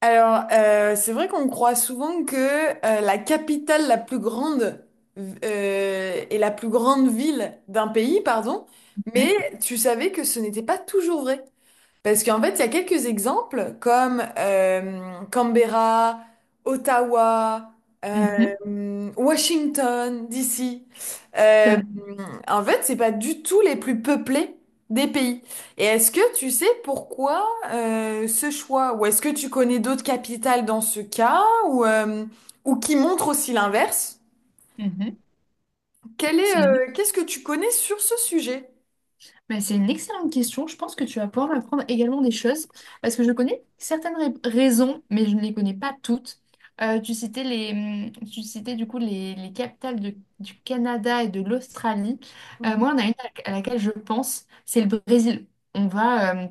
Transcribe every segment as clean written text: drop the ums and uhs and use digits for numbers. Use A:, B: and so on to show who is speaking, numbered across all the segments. A: Alors, c'est vrai qu'on croit souvent que la capitale la plus grande est la plus grande ville d'un pays, pardon, mais
B: Mhm,
A: tu savais que ce n'était pas toujours vrai. Parce qu'en fait, il y a quelques exemples comme Canberra, Ottawa,
B: mhm,
A: euh, Washington, DC.
B: tout
A: Euh,
B: à fait.
A: En fait, c'est pas du tout les plus peuplés des pays. Et est-ce que tu sais pourquoi ce choix? Ou est-ce que tu connais d'autres capitales dans ce cas ou qui montrent aussi l'inverse?
B: Mhm.
A: Quel est,
B: C'est une...
A: qu'est-ce que tu connais sur ce sujet?
B: c'est une excellente question. Je pense que tu vas pouvoir m'apprendre également des choses parce que je connais raisons, mais je ne les connais pas toutes. Tu citais tu citais du coup les capitales du Canada et de l'Australie. Moi, on a une à laquelle je pense, c'est le Brésil. On va,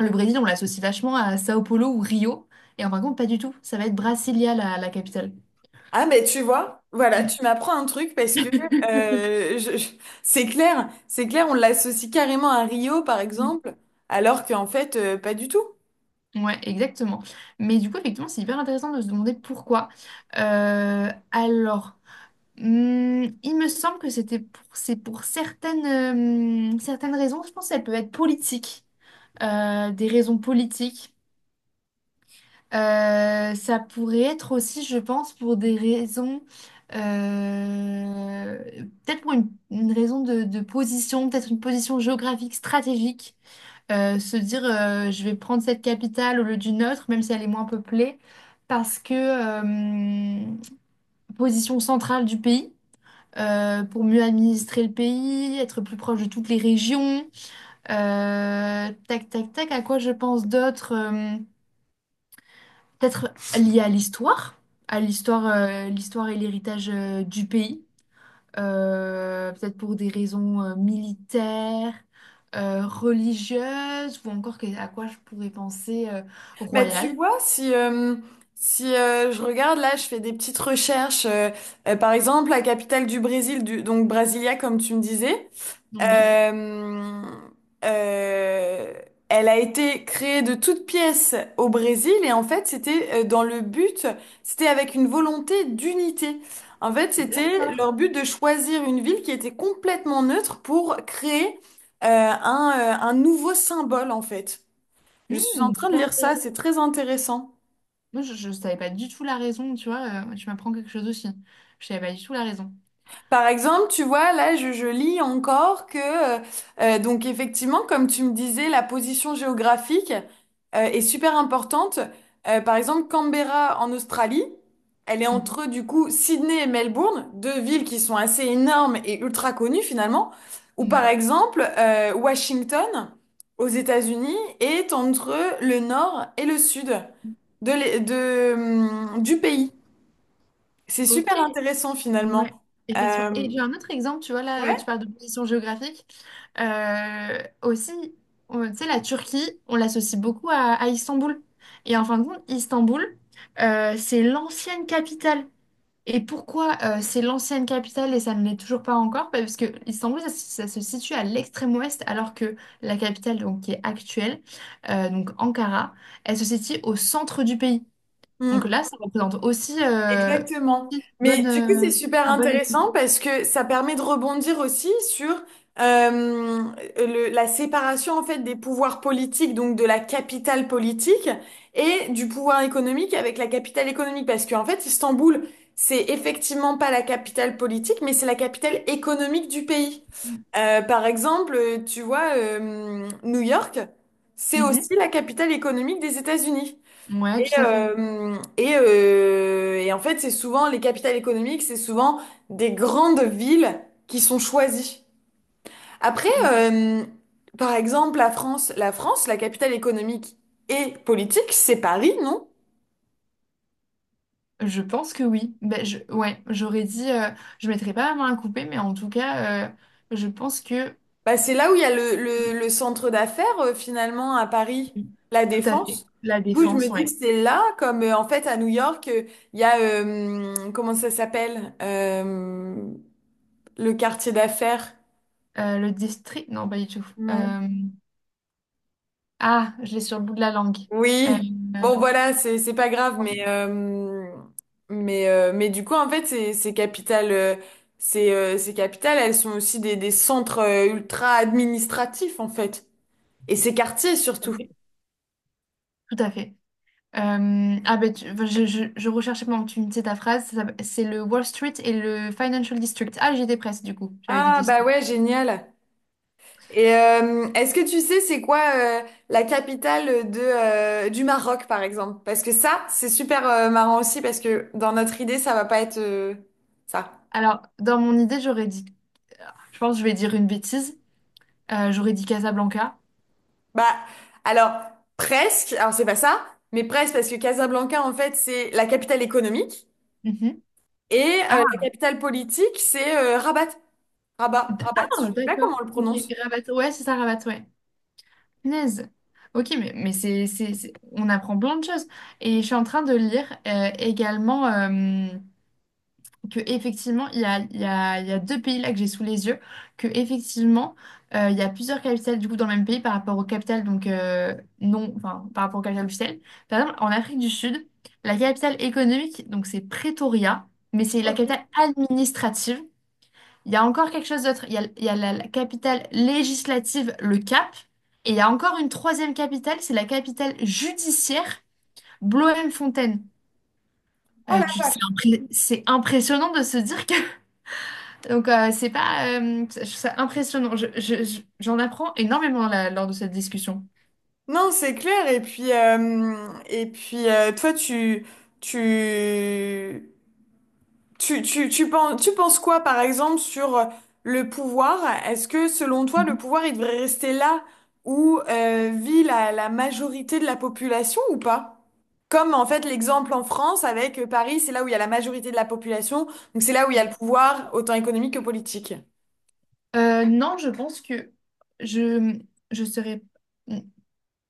B: le Brésil, on l'associe vachement à Sao Paulo ou Rio, et en fin de compte, pas du tout. Ça va être Brasilia, la capitale.
A: Ah mais tu vois, voilà, tu m'apprends un truc parce que euh, je- je- c'est clair, on l'associe carrément à Rio par exemple, alors qu'en fait pas du tout.
B: Ouais, exactement. Mais du coup, effectivement, c'est hyper intéressant de se demander pourquoi. Euh, alors, il me semble que c'était pour, c'est pour certaines, certaines raisons. Je pense qu'elles peuvent être politiques, des raisons politiques. Ça pourrait être aussi, je pense, pour des raisons, euh, peut-être pour une raison de position, peut-être une position géographique, stratégique. Se dire je vais prendre cette capitale au lieu d'une autre, même si elle est moins peuplée, parce que position centrale du pays, pour mieux administrer le pays, être plus proche de toutes les régions. Tac, tac, tac, à quoi je pense d'autre? Peut-être lié à l'histoire, l'histoire et l'héritage du pays. Peut-être pour des raisons militaires, religieuses, ou à quoi je pourrais penser
A: Bah tu
B: royal.
A: vois, si je regarde là, je fais des petites recherches, par exemple la capitale du Brésil, du, donc Brasilia comme tu me disais.
B: Oui.
A: Euh, euh, Elle a été créée de toutes pièces au Brésil et en fait c'était dans le but, c'était avec une volonté d'unité. En fait c'était
B: D'accord.
A: leur but de choisir une ville qui était complètement neutre pour créer un nouveau symbole en fait. Je suis en
B: Hmm,
A: train de
B: super
A: lire ça,
B: intéressant.
A: c'est très intéressant.
B: Moi, je ne savais pas du tout la raison, tu vois, tu m'apprends quelque chose aussi. Je savais pas du tout la raison.
A: Par exemple, tu vois, là, je lis encore que, euh, donc effectivement, comme tu me disais, la position géographique, est super importante. Par exemple, Canberra en Australie, elle est entre, du coup, Sydney et Melbourne, deux villes qui sont assez énormes et ultra connues finalement. Ou
B: Mhm.
A: par
B: Ouais.
A: exemple, Washington aux États-Unis est entre le nord et le sud de, du pays. C'est
B: Ok.
A: super intéressant finalement.
B: Ouais, effectivement. Et
A: Euh,
B: j'ai un autre exemple, tu vois, là, tu
A: ouais.
B: parles de position géographique. Aussi, tu sais, la Turquie, on l'associe beaucoup à Istanbul. Et en fin de compte, Istanbul, c'est l'ancienne capitale. Et pourquoi c'est l'ancienne capitale et ça ne l'est toujours pas encore? Bah, parce que Istanbul, ça se situe à l'extrême ouest, alors que la capitale, donc, qui est actuelle, donc Ankara, elle se situe au centre du pays. Donc
A: Mm,
B: là, ça représente aussi
A: exactement.
B: une
A: Mais
B: bonne...
A: du coup, c'est super intéressant parce que ça permet de rebondir aussi sur euh, la séparation en fait des pouvoirs politiques, donc de la capitale politique et du pouvoir économique avec la capitale économique, parce qu'en fait, Istanbul, c'est effectivement pas la capitale politique, mais c'est la capitale économique du pays. Tu vois, New York, c'est
B: Mhm.
A: aussi la capitale économique des États-Unis.
B: Ouais, tout à fait.
A: Et en fait, c'est souvent les capitales économiques, c'est souvent des grandes villes qui sont choisies. Après, par exemple, la France, la capitale économique et politique, c'est Paris, non?
B: Je pense que oui. Ben, je, ouais, j'aurais dit, je mettrais pas la main à couper, mais en tout cas, je pense que
A: Bah, c'est là où il y a le centre d'affaires finalement à Paris,
B: oui,
A: la
B: tout à fait.
A: Défense.
B: La
A: Du coup, je me
B: défense,
A: dis que
B: ouais.
A: c'est là, comme en fait à New York, il y a comment ça s'appelle. Le quartier d'affaires?
B: Le district, non, pas du tout.
A: Non.
B: Ah, je l'ai sur le bout de la langue. Euh,
A: Oui, bon voilà, c'est pas grave,
B: ouais,
A: mais du coup en fait ces capitales, ces capitales, elles sont aussi des centres ultra administratifs en fait, et ces quartiers
B: tout à
A: surtout.
B: fait. Tout à fait. Ah ben, enfin, je, je recherchais pendant que tu me disais ta phrase. C'est le Wall Street et le Financial District. Ah, j'étais presque du coup. J'avais dit
A: Ah bah
B: district.
A: ouais, génial. Et est-ce que tu sais c'est quoi la capitale de du Maroc par exemple? Parce que ça c'est super marrant aussi parce que dans notre idée ça va pas être ça.
B: Alors, dans mon idée, j'aurais dit Je pense que je vais dire une bêtise. J'aurais dit Casablanca.
A: Bah, alors, presque, alors c'est pas ça, mais presque parce que Casablanca, en fait, c'est la capitale économique
B: Mhm.
A: et la
B: Ah,
A: capitale politique, c'est Rabat. Rabat, Rabat, je
B: ah,
A: sais pas comment
B: d'accord.
A: on le
B: Ok,
A: prononce.
B: Rabat. Ouais, c'est ça, Rabat, ouais. Punaise. Ok, mais, on apprend plein de choses. Et je suis en train de lire également. Que effectivement il y a, il y a deux pays là que j'ai sous les yeux que effectivement il y a plusieurs capitales du coup dans le même pays par rapport aux capitales donc non enfin par rapport aux capitales officielles par exemple en Afrique du Sud la capitale économique donc c'est Pretoria mais c'est la
A: Ok.
B: capitale administrative il y a encore quelque chose d'autre il y a la capitale législative le Cap et il y a encore une troisième capitale c'est la capitale judiciaire Bloemfontein.
A: Oh la vache.
B: C'est impressionnant de se dire donc, c'est pas. Je trouve ça impressionnant. J'en apprends énormément là, lors de cette discussion.
A: Non, c'est clair. Et puis toi, tu, tu, tu penses quoi, par exemple, sur le pouvoir? Est-ce que, selon toi, le
B: Mhm.
A: pouvoir, il devrait rester là où vit la majorité de la population ou pas? Comme, en fait, l'exemple en France avec Paris, c'est là où il y a la majorité de la population, donc c'est là où il y a le pouvoir, autant économique que politique.
B: Non, je pense que je, je serais.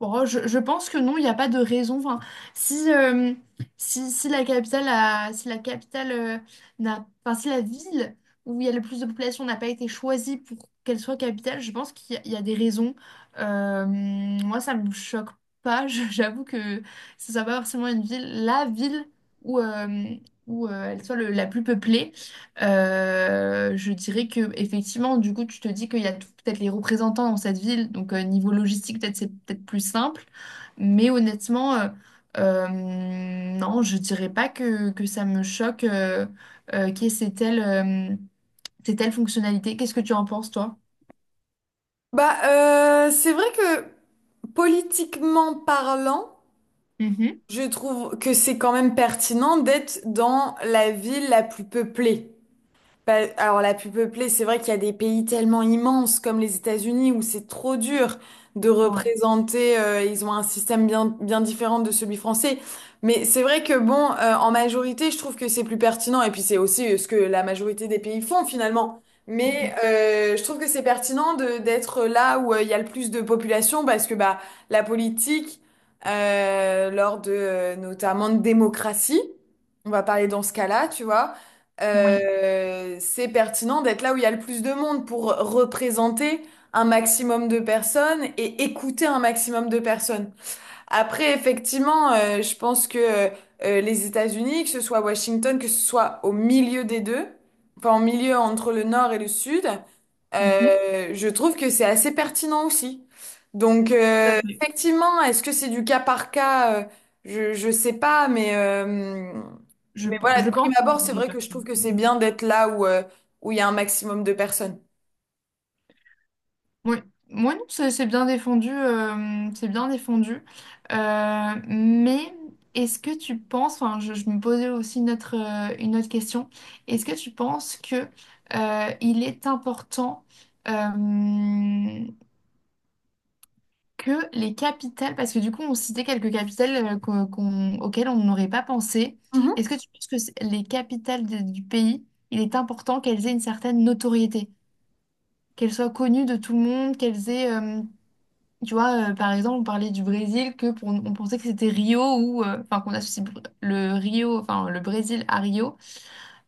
B: Bon, je pense que non, il n'y a pas de raison. Enfin, si, si, si la capitale si la capitale n'a, enfin, si la ville où il y a le plus de population n'a pas été choisie pour qu'elle soit capitale, je pense qu'il y, a il y a des raisons. Moi, ça me choque pas. J'avoue que ce soit pas forcément une ville, la ville où, où elle soit la plus peuplée. Je dirais que effectivement, du coup, tu te dis qu'il y a peut-être les représentants dans cette ville, donc niveau logistique, peut-être c'est peut-être plus simple. Mais honnêtement, euh, non, je dirais pas que ça me choque qu'il y ait euh, ces telles fonctionnalités. Qu'est-ce que tu en penses, toi?
A: Bah, c'est vrai que politiquement parlant,
B: Mhm.
A: je trouve que c'est quand même pertinent d'être dans la ville la plus peuplée. Bah, alors la plus peuplée, c'est vrai qu'il y a des pays tellement immenses comme les États-Unis où c'est trop dur de
B: Ouais.
A: représenter, ils ont un système bien, bien différent de celui français. Mais c'est vrai que bon, en majorité, je trouve que c'est plus pertinent et puis c'est aussi ce que la majorité des pays font finalement. Mais
B: Mhm.
A: je trouve que c'est pertinent de d'être là où il y a le plus de population parce que bah la politique lors de notamment de démocratie, on va parler dans ce cas-là, tu vois
B: Oui.
A: c'est pertinent d'être là où il y a le plus de monde pour représenter un maximum de personnes et écouter un maximum de personnes. Après, effectivement, je pense que les États-Unis, que ce soit à Washington, que ce soit au milieu des deux, enfin en milieu entre le nord et le sud,
B: Mhm.
A: je trouve que c'est assez pertinent aussi. Donc,
B: Tout à fait.
A: effectivement, est-ce que c'est du cas par cas? Je sais pas, mais mais voilà, de
B: Je
A: prime
B: pense que c'est
A: abord, c'est
B: bien
A: vrai que je
B: perçu.
A: trouve que c'est bien d'être là où, où il y a un maximum de personnes.
B: Oui, moi non, c'est bien défendu, c'est bien défendu. Mais est-ce que tu penses, enfin, je me posais aussi une autre question, est-ce que tu penses que il est important euh, que les capitales, parce que du coup on citait quelques capitales auxquelles on n'aurait pas pensé, est-ce que tu penses que les capitales du pays, il est important qu'elles aient une certaine notoriété, qu'elles soient connues de tout le monde, qu'elles aient tu vois, par exemple, on parlait du Brésil, que pour, on pensait que c'était Rio ou enfin qu'on associe br- le Rio, enfin le Brésil à Rio,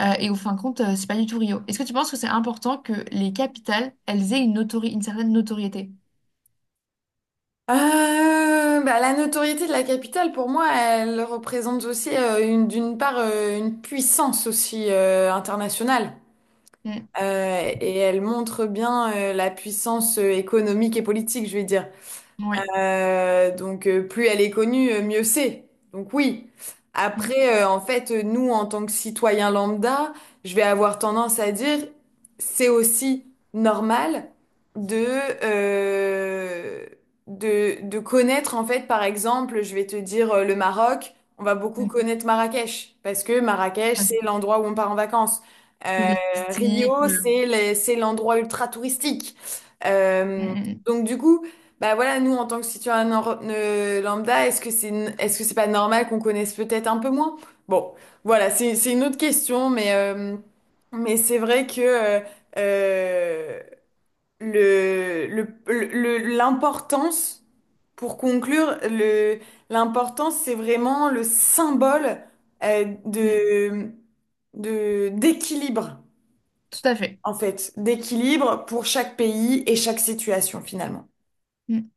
B: et au fin de compte, c'est pas du tout Rio. Est-ce que tu penses que c'est important que les capitales, elles aient une certaine notoriété?
A: Euh, Bah, la notoriété de la capitale, pour moi, elle représente aussi d'une part une puissance aussi internationale.
B: Mm.
A: Et elle montre bien la puissance économique et politique, je vais dire.
B: Oui.
A: Donc plus elle est connue, mieux c'est. Donc oui.
B: Mm.
A: Après, nous, en tant que citoyens lambda, je vais avoir tendance à dire, c'est aussi normal de, euh, de connaître, en fait, par exemple, je vais te dire le Maroc, on va beaucoup connaître Marrakech, parce que Marrakech, c'est
B: Mm.
A: l'endroit où on part en vacances. Euh,
B: Touristique.
A: Rio, c'est l'endroit ultra touristique. Euh,
B: Mm,
A: donc du coup... Bah voilà, nous, en tant que citoyen lambda, est-ce que c'est pas normal qu'on connaisse peut-être un peu moins? Bon, voilà, c'est une autre question, mais mais c'est vrai que euh, l'importance, pour conclure, l'importance, c'est vraiment le symbole euh,
B: mm, mm.
A: de, de, d'équilibre,
B: Tout à fait.
A: en fait, d'équilibre pour chaque pays et chaque situation, finalement.
B: Mm.